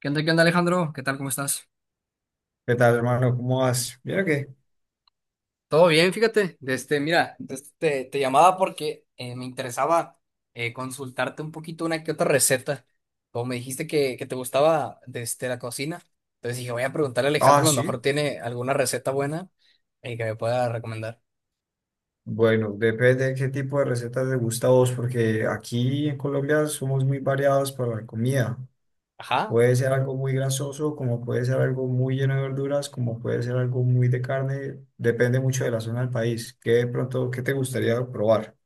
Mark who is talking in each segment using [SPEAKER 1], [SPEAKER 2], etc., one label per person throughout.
[SPEAKER 1] Qué onda, Alejandro? ¿Qué tal? ¿Cómo estás?
[SPEAKER 2] ¿Qué tal, hermano? ¿Cómo vas? Mira que.
[SPEAKER 1] Todo bien, fíjate. Mira, te llamaba porque me interesaba consultarte un poquito una que otra receta. Como me dijiste que te gustaba la cocina, entonces dije, voy a preguntarle a
[SPEAKER 2] Ah,
[SPEAKER 1] Alejandro, a lo mejor
[SPEAKER 2] sí.
[SPEAKER 1] tiene alguna receta buena que me pueda recomendar.
[SPEAKER 2] Bueno, depende de qué tipo de recetas te gusta a vos, porque aquí en Colombia somos muy variados para la comida.
[SPEAKER 1] Ajá.
[SPEAKER 2] Puede ser algo muy grasoso, como puede ser algo muy lleno de verduras, como puede ser algo muy de carne. Depende mucho de la zona del país. ¿Qué de pronto, qué te gustaría probar?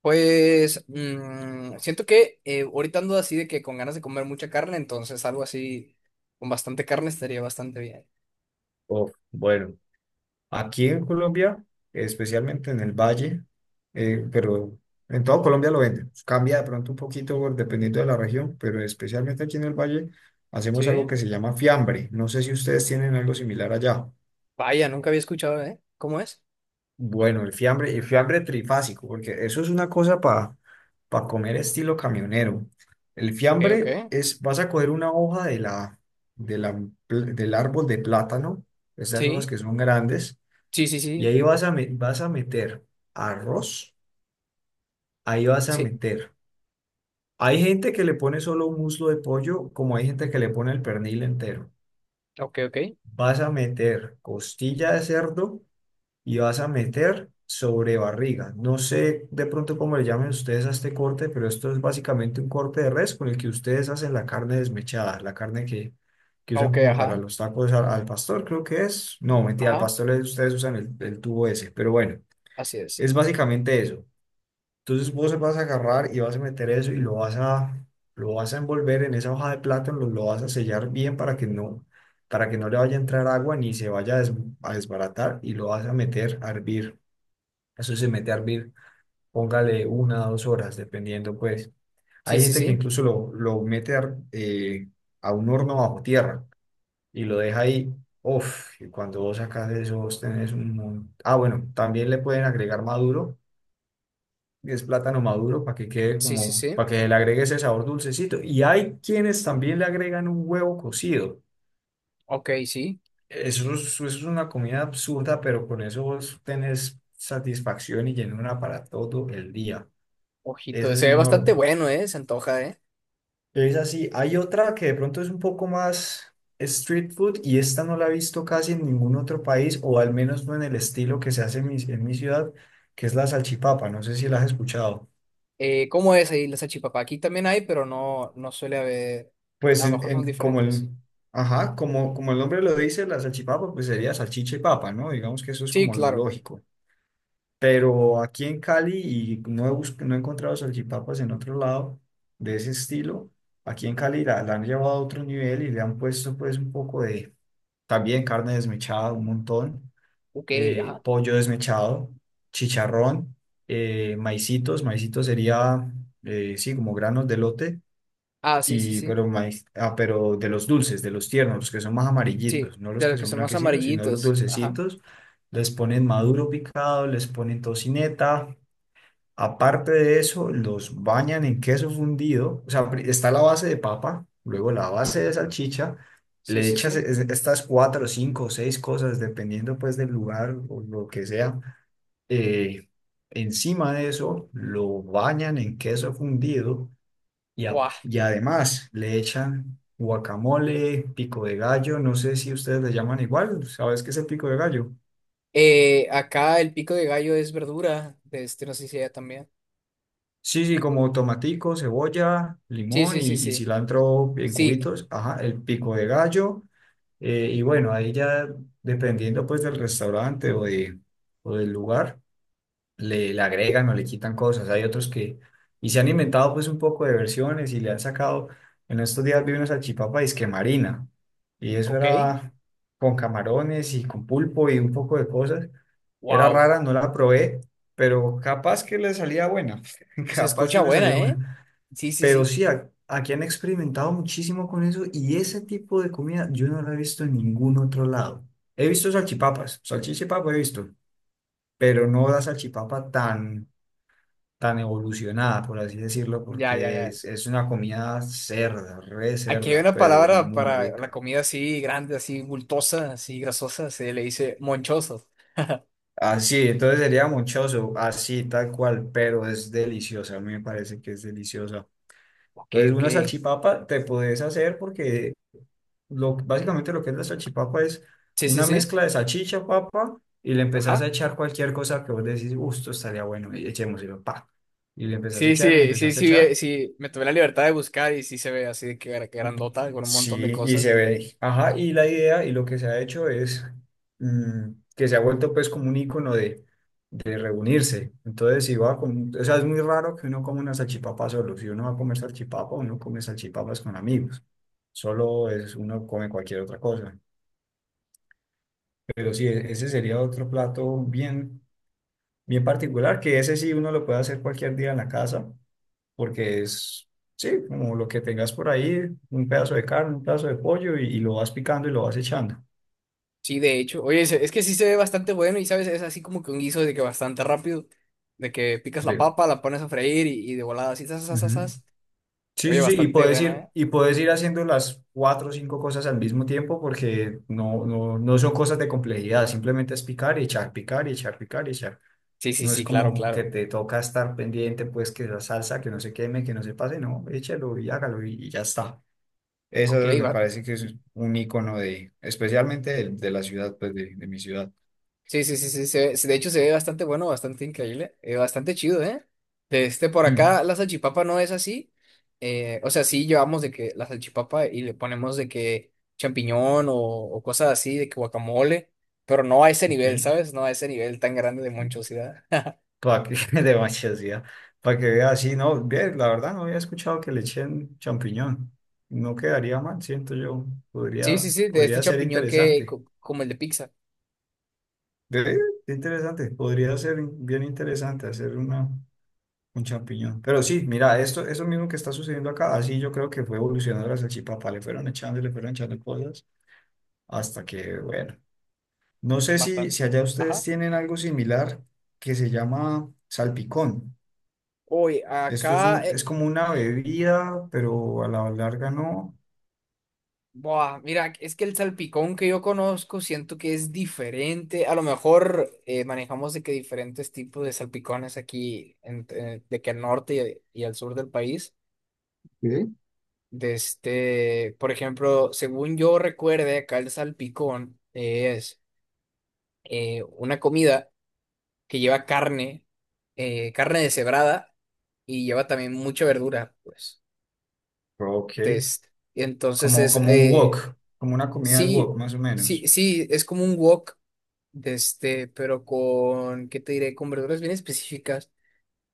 [SPEAKER 1] Pues mm, siento que ahorita ando así de que con ganas de comer mucha carne, entonces algo así con bastante carne estaría bastante bien.
[SPEAKER 2] Oh, bueno. Aquí en Colombia, especialmente en el Valle, pero en todo Colombia lo venden. Cambia de pronto un poquito dependiendo de la región, pero especialmente aquí en el Valle hacemos algo
[SPEAKER 1] Sí.
[SPEAKER 2] que se llama fiambre. No sé si ustedes tienen algo similar allá.
[SPEAKER 1] Vaya, nunca había escuchado, ¿eh? ¿Cómo es?
[SPEAKER 2] Bueno, el fiambre trifásico, porque eso es una cosa para comer estilo camionero. El
[SPEAKER 1] Ok, ok.
[SPEAKER 2] fiambre es, vas a coger una hoja de la, del árbol de plátano, esas hojas
[SPEAKER 1] Sí,
[SPEAKER 2] que son grandes.
[SPEAKER 1] sí, sí,
[SPEAKER 2] Y
[SPEAKER 1] sí,
[SPEAKER 2] ahí vas a meter arroz, ahí vas a
[SPEAKER 1] sí.
[SPEAKER 2] meter. Hay gente que le pone solo un muslo de pollo, como hay gente que le pone el pernil entero.
[SPEAKER 1] Ok, ok.
[SPEAKER 2] Vas a meter costilla de cerdo y vas a meter sobre barriga. No sé de pronto cómo le llamen ustedes a este corte, pero esto es básicamente un corte de res con el que ustedes hacen la carne desmechada, que usan
[SPEAKER 1] Ok,
[SPEAKER 2] como para
[SPEAKER 1] ajá,
[SPEAKER 2] los tacos al pastor, creo que es. No, mentira,
[SPEAKER 1] ajá.
[SPEAKER 2] ustedes usan el tubo ese, pero bueno,
[SPEAKER 1] Así es.
[SPEAKER 2] es básicamente eso. Entonces vos vas a agarrar y vas a meter eso y lo vas a envolver en esa hoja de plátano, lo vas a sellar bien para que no le vaya a entrar agua ni se vaya a desbaratar y lo vas a meter a hervir. Eso se mete a hervir, póngale una o dos horas, dependiendo pues.
[SPEAKER 1] Sí,
[SPEAKER 2] Hay
[SPEAKER 1] sí,
[SPEAKER 2] gente que
[SPEAKER 1] sí.
[SPEAKER 2] incluso lo mete a un horno bajo tierra y lo deja ahí. Uf, y cuando vos sacas eso, vos tenés un... Ah, bueno, también le pueden agregar maduro y es plátano maduro para que quede
[SPEAKER 1] Sí, sí,
[SPEAKER 2] como,
[SPEAKER 1] sí.
[SPEAKER 2] para que le agregue ese sabor dulcecito. Y hay quienes también le agregan un huevo cocido.
[SPEAKER 1] Ok, sí.
[SPEAKER 2] Eso es una comida absurda, pero con eso vos tenés satisfacción y llenura para todo el día. Esa
[SPEAKER 1] Ojito,
[SPEAKER 2] es
[SPEAKER 1] se ve bastante
[SPEAKER 2] enorme.
[SPEAKER 1] bueno, ¿eh? Se antoja, ¿eh?
[SPEAKER 2] Es así. Hay otra que de pronto es un poco más street food y esta no la he visto casi en ningún otro país, o al menos no en el estilo que se hace en mi ciudad, que es la salchipapa. No sé si la has escuchado.
[SPEAKER 1] ¿Cómo es ahí la salchipapa? Aquí también hay, pero no, no suele haber. A
[SPEAKER 2] Pues
[SPEAKER 1] lo mejor son
[SPEAKER 2] como el,
[SPEAKER 1] diferentes.
[SPEAKER 2] ajá, como el nombre lo dice, la salchipapa, pues sería salchicha y papa, ¿no? Digamos que eso es
[SPEAKER 1] Sí,
[SPEAKER 2] como lo
[SPEAKER 1] claro.
[SPEAKER 2] lógico. Pero aquí en Cali, y no he encontrado salchipapas en otro lado de ese estilo, aquí en Cali la han llevado a otro nivel y le han puesto pues un poco de, también carne desmechada, un montón,
[SPEAKER 1] Ok, ajá.
[SPEAKER 2] pollo desmechado, chicharrón, maicitos, sí, como granos de lote
[SPEAKER 1] Ah, sí, sí,
[SPEAKER 2] y,
[SPEAKER 1] sí.
[SPEAKER 2] pero, maíz, ah, pero de los dulces, de los tiernos, los que son más
[SPEAKER 1] Sí,
[SPEAKER 2] amarillitos, no los
[SPEAKER 1] de
[SPEAKER 2] que
[SPEAKER 1] los que
[SPEAKER 2] son
[SPEAKER 1] son más
[SPEAKER 2] blanquecinos, sino los
[SPEAKER 1] amarillitos. Ajá.
[SPEAKER 2] dulcecitos, les ponen maduro picado, les ponen tocineta. Aparte de eso, los bañan en queso fundido. O sea, está la base de papa, luego la
[SPEAKER 1] Yeah.
[SPEAKER 2] base de salchicha.
[SPEAKER 1] Sí,
[SPEAKER 2] Le
[SPEAKER 1] sí,
[SPEAKER 2] echas
[SPEAKER 1] sí.
[SPEAKER 2] estas cuatro, cinco o seis cosas, dependiendo pues del lugar o lo que sea. Eh, encima de eso, lo bañan en queso fundido y,
[SPEAKER 1] Buah.
[SPEAKER 2] y además le echan guacamole, pico de gallo, no sé si ustedes le llaman igual, ¿sabes qué es el pico de gallo?
[SPEAKER 1] Acá el pico de gallo es verdura. No sé si allá también.
[SPEAKER 2] Sí, sí, como tomatico, cebolla,
[SPEAKER 1] Sí,
[SPEAKER 2] limón
[SPEAKER 1] sí, sí,
[SPEAKER 2] y
[SPEAKER 1] sí.
[SPEAKER 2] cilantro en
[SPEAKER 1] Sí,
[SPEAKER 2] cubitos, ajá, el pico de gallo, y bueno, ahí ya dependiendo pues del restaurante o, de, o del lugar le agregan o le quitan cosas. Y se han inventado pues un poco de versiones y le han sacado, en estos días vi una salchipapa disque marina, y eso
[SPEAKER 1] ok,
[SPEAKER 2] era con camarones y con pulpo y un poco de cosas. Era
[SPEAKER 1] wow,
[SPEAKER 2] rara, no la probé, pero capaz que le salía buena,
[SPEAKER 1] se
[SPEAKER 2] capaz que
[SPEAKER 1] escucha
[SPEAKER 2] le
[SPEAKER 1] buena,
[SPEAKER 2] salía
[SPEAKER 1] ¿eh?
[SPEAKER 2] buena.
[SPEAKER 1] Sí, sí,
[SPEAKER 2] Pero
[SPEAKER 1] sí,
[SPEAKER 2] sí, aquí han experimentado muchísimo con eso y ese tipo de comida yo no la he visto en ningún otro lado. He visto salchipapas, salchichipapa he visto, pero no la salchipapa tan evolucionada, por así decirlo,
[SPEAKER 1] ya, ya,
[SPEAKER 2] porque
[SPEAKER 1] ya.
[SPEAKER 2] es una comida cerda, re
[SPEAKER 1] Aquí hay
[SPEAKER 2] cerda,
[SPEAKER 1] una
[SPEAKER 2] pero
[SPEAKER 1] palabra
[SPEAKER 2] muy
[SPEAKER 1] para la
[SPEAKER 2] rica.
[SPEAKER 1] comida así grande, así bultosa, así grasosa, se le dice monchoso.
[SPEAKER 2] Así, entonces sería mochoso, así, tal cual, pero es deliciosa, a mí me parece que es deliciosa.
[SPEAKER 1] Ok,
[SPEAKER 2] Entonces,
[SPEAKER 1] ok.
[SPEAKER 2] una salchipapa te puedes hacer porque básicamente lo que es la salchipapa es
[SPEAKER 1] Sí, sí,
[SPEAKER 2] una
[SPEAKER 1] sí,
[SPEAKER 2] mezcla de salchicha, papa, y le empezás a
[SPEAKER 1] ajá.
[SPEAKER 2] echar cualquier cosa que vos decís, gusto, estaría bueno, y echémoslo, pa. Y le empezás a
[SPEAKER 1] Sí,
[SPEAKER 2] echar, y le
[SPEAKER 1] sí, sí,
[SPEAKER 2] empezás a
[SPEAKER 1] sí,
[SPEAKER 2] echar.
[SPEAKER 1] sí, me tomé la libertad de buscar y sí se ve así de que grandota, con un montón de
[SPEAKER 2] Sí, y
[SPEAKER 1] cosas.
[SPEAKER 2] se ve, ajá, y la idea y lo que se ha hecho es que se ha vuelto pues como un icono de reunirse. Entonces, si va con, o sea, es muy raro que uno coma una salchipapa solo. Si uno va a comer salchipapa, uno come salchipapas con amigos. Solo es, uno come cualquier otra cosa. Pero sí, ese sería otro plato bien, bien particular, que ese sí uno lo puede hacer cualquier día en la casa, porque es, sí, como lo que tengas por ahí, un pedazo de carne, un pedazo de pollo y lo vas picando y lo vas echando.
[SPEAKER 1] Sí, de hecho, oye, es que sí se ve bastante bueno y, ¿sabes? Es así como que un guiso de que bastante rápido, de que picas la
[SPEAKER 2] Sí.
[SPEAKER 1] papa, la pones a freír y de volada así, zas, zas, zas,
[SPEAKER 2] Ujú.
[SPEAKER 1] zas.
[SPEAKER 2] Sí,
[SPEAKER 1] Oye,
[SPEAKER 2] sí, sí,
[SPEAKER 1] bastante buena, ¿eh?
[SPEAKER 2] y puedes ir haciendo las cuatro o cinco cosas al mismo tiempo porque no, no, no son cosas de complejidad, simplemente es picar y echar, picar y echar, picar y echar.
[SPEAKER 1] Sí, sí,
[SPEAKER 2] No es
[SPEAKER 1] sí, claro,
[SPEAKER 2] como que
[SPEAKER 1] claro.
[SPEAKER 2] te toca estar pendiente, pues que la salsa, que no se queme, que no se pase, no, échalo y hágalo y ya está. Eso
[SPEAKER 1] Ok,
[SPEAKER 2] me
[SPEAKER 1] va.
[SPEAKER 2] parece que es un icono de, especialmente de la ciudad, pues de mi ciudad.
[SPEAKER 1] Sí, sí, sí, sí, de hecho se ve bastante bueno, bastante increíble, bastante chido, ¿eh? De este por
[SPEAKER 2] Mm,
[SPEAKER 1] acá la salchipapa no es así. O sea, sí llevamos de que la salchipapa y le ponemos de que champiñón o cosas así, de que guacamole, pero no a ese nivel, ¿sabes? No a ese nivel tan grande de
[SPEAKER 2] ok.
[SPEAKER 1] monchosidad.
[SPEAKER 2] Para que, demasiado, para que vea así, no, bien, la verdad no había escuchado que le echen champiñón. No quedaría mal, siento yo.
[SPEAKER 1] Sí, sí, sí, de este
[SPEAKER 2] Podría ser
[SPEAKER 1] champiñón que
[SPEAKER 2] interesante.
[SPEAKER 1] como el de pizza,
[SPEAKER 2] Ve, interesante, podría ser bien interesante un champiñón. Pero sí, mira, esto, eso mismo que está sucediendo acá, así yo creo que fue evolucionando la salchipapa, le fueron echando cosas, hasta que, bueno. No sé
[SPEAKER 1] bastante.
[SPEAKER 2] si allá ustedes
[SPEAKER 1] Ajá.
[SPEAKER 2] tienen algo similar que se llama salpicón.
[SPEAKER 1] Hoy
[SPEAKER 2] Esto es
[SPEAKER 1] acá
[SPEAKER 2] un, es como una bebida, pero a la larga no.
[SPEAKER 1] buah, mira, es que el salpicón que yo conozco siento que es diferente. A lo mejor manejamos de que diferentes tipos de salpicones aquí, de que al norte y al sur del país.
[SPEAKER 2] ¿Sí?
[SPEAKER 1] De este, por ejemplo, según yo recuerde, acá el salpicón es una comida que lleva carne, carne deshebrada y lleva también mucha verdura, pues.
[SPEAKER 2] Ok.
[SPEAKER 1] De este, entonces
[SPEAKER 2] Como,
[SPEAKER 1] es,
[SPEAKER 2] como un wok, como una comida de wok,
[SPEAKER 1] sí,
[SPEAKER 2] más o
[SPEAKER 1] sí,
[SPEAKER 2] menos.
[SPEAKER 1] sí, es como un wok, de este, pero con, ¿qué te diré? Con verduras bien específicas.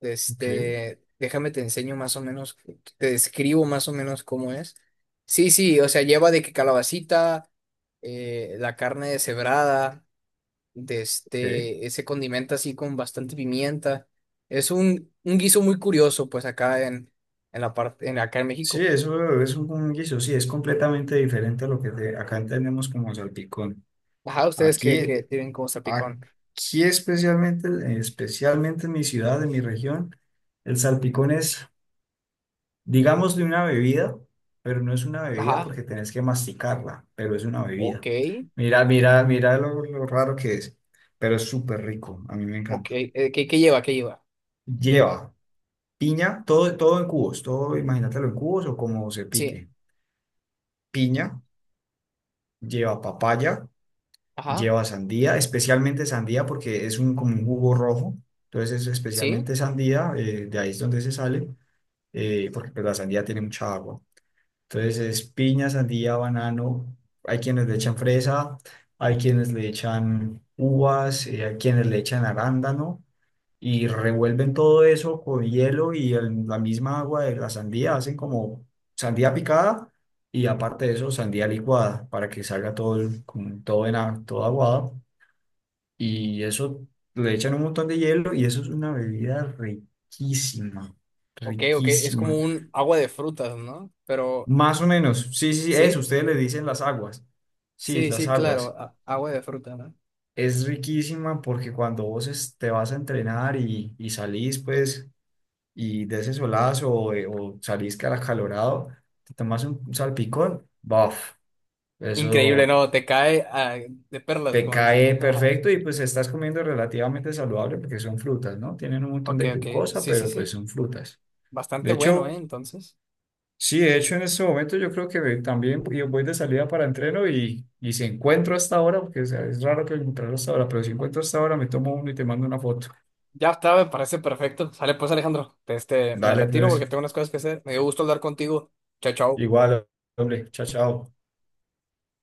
[SPEAKER 2] Ok,
[SPEAKER 1] Déjame te enseño más o menos, te describo más o menos cómo es. Sí, sí, o sea, lleva de que calabacita, la carne deshebrada, de
[SPEAKER 2] ok.
[SPEAKER 1] este, se condimenta así con bastante pimienta. Es un guiso muy curioso, pues acá en la parte, en, acá en
[SPEAKER 2] Sí,
[SPEAKER 1] México.
[SPEAKER 2] eso es un guiso, sí, es completamente diferente a lo acá entendemos como salpicón.
[SPEAKER 1] Ajá, ustedes
[SPEAKER 2] Aquí,
[SPEAKER 1] que tienen como salpicón.
[SPEAKER 2] aquí especialmente, especialmente en mi ciudad, en mi región, el salpicón es digamos de una bebida, pero no es una bebida
[SPEAKER 1] Ajá,
[SPEAKER 2] porque tenés que masticarla, pero es una
[SPEAKER 1] ok.
[SPEAKER 2] bebida. Mira, mira, mira lo raro que es, pero es súper rico, a mí me
[SPEAKER 1] Ok,
[SPEAKER 2] encanta.
[SPEAKER 1] ¿qué, qué lleva? ¿Qué lleva?
[SPEAKER 2] Lleva piña, todo, todo en cubos, todo imagínatelo en cubos o como se
[SPEAKER 1] Sí,
[SPEAKER 2] pique. Piña, lleva papaya,
[SPEAKER 1] ajá,
[SPEAKER 2] lleva sandía, especialmente sandía porque es un, como un jugo rojo, entonces es
[SPEAKER 1] sí,
[SPEAKER 2] especialmente sandía, de ahí es donde se sale, porque pues, la sandía tiene mucha agua. Entonces es piña, sandía, banano. Hay quienes le echan fresa, hay quienes le echan uvas, hay quienes le echan arándano y revuelven todo eso con hielo y la misma agua de la sandía. Hacen como sandía picada y aparte de eso sandía licuada para que salga todo, el- como todo, en, a- todo aguado. Y eso le echan un montón de hielo y eso es una bebida riquísima,
[SPEAKER 1] ok, ok, es como
[SPEAKER 2] riquísima.
[SPEAKER 1] un agua de frutas, ¿no? Pero,
[SPEAKER 2] Más o menos, sí, sí, sí, eso,
[SPEAKER 1] sí,
[SPEAKER 2] ustedes le dicen las aguas. Sí,
[SPEAKER 1] sí,
[SPEAKER 2] las
[SPEAKER 1] sí, claro,
[SPEAKER 2] aguas.
[SPEAKER 1] a- agua de fruta, ¿no?
[SPEAKER 2] Es riquísima porque cuando te vas a entrenar y salís, pues, y de ese solazo o salís que al te tomas un salpicón, ¡buf!
[SPEAKER 1] Increíble,
[SPEAKER 2] Eso
[SPEAKER 1] no, te cae ah, de perlas,
[SPEAKER 2] te
[SPEAKER 1] como dicen.
[SPEAKER 2] cae perfecto y pues estás comiendo relativamente saludable porque son frutas, ¿no? Tienen un montón
[SPEAKER 1] Ok,
[SPEAKER 2] de
[SPEAKER 1] ok,
[SPEAKER 2] glucosa,
[SPEAKER 1] sí, sí,
[SPEAKER 2] pero pues
[SPEAKER 1] sí,
[SPEAKER 2] son frutas. De
[SPEAKER 1] bastante bueno, ¿eh?
[SPEAKER 2] hecho,
[SPEAKER 1] Entonces,
[SPEAKER 2] sí, de hecho en este momento yo creo también yo voy de salida para entreno y si encuentro hasta ahora, porque o sea, es raro que encontrarlo hasta ahora, pero si encuentro hasta ahora me tomo uno y te mando una foto.
[SPEAKER 1] ya está, me parece perfecto. Sale pues, Alejandro, este, me
[SPEAKER 2] Dale,
[SPEAKER 1] retiro
[SPEAKER 2] pues,
[SPEAKER 1] porque tengo unas cosas que hacer. Me dio gusto hablar contigo. Chao, chao.
[SPEAKER 2] igual, hombre, chao, chao.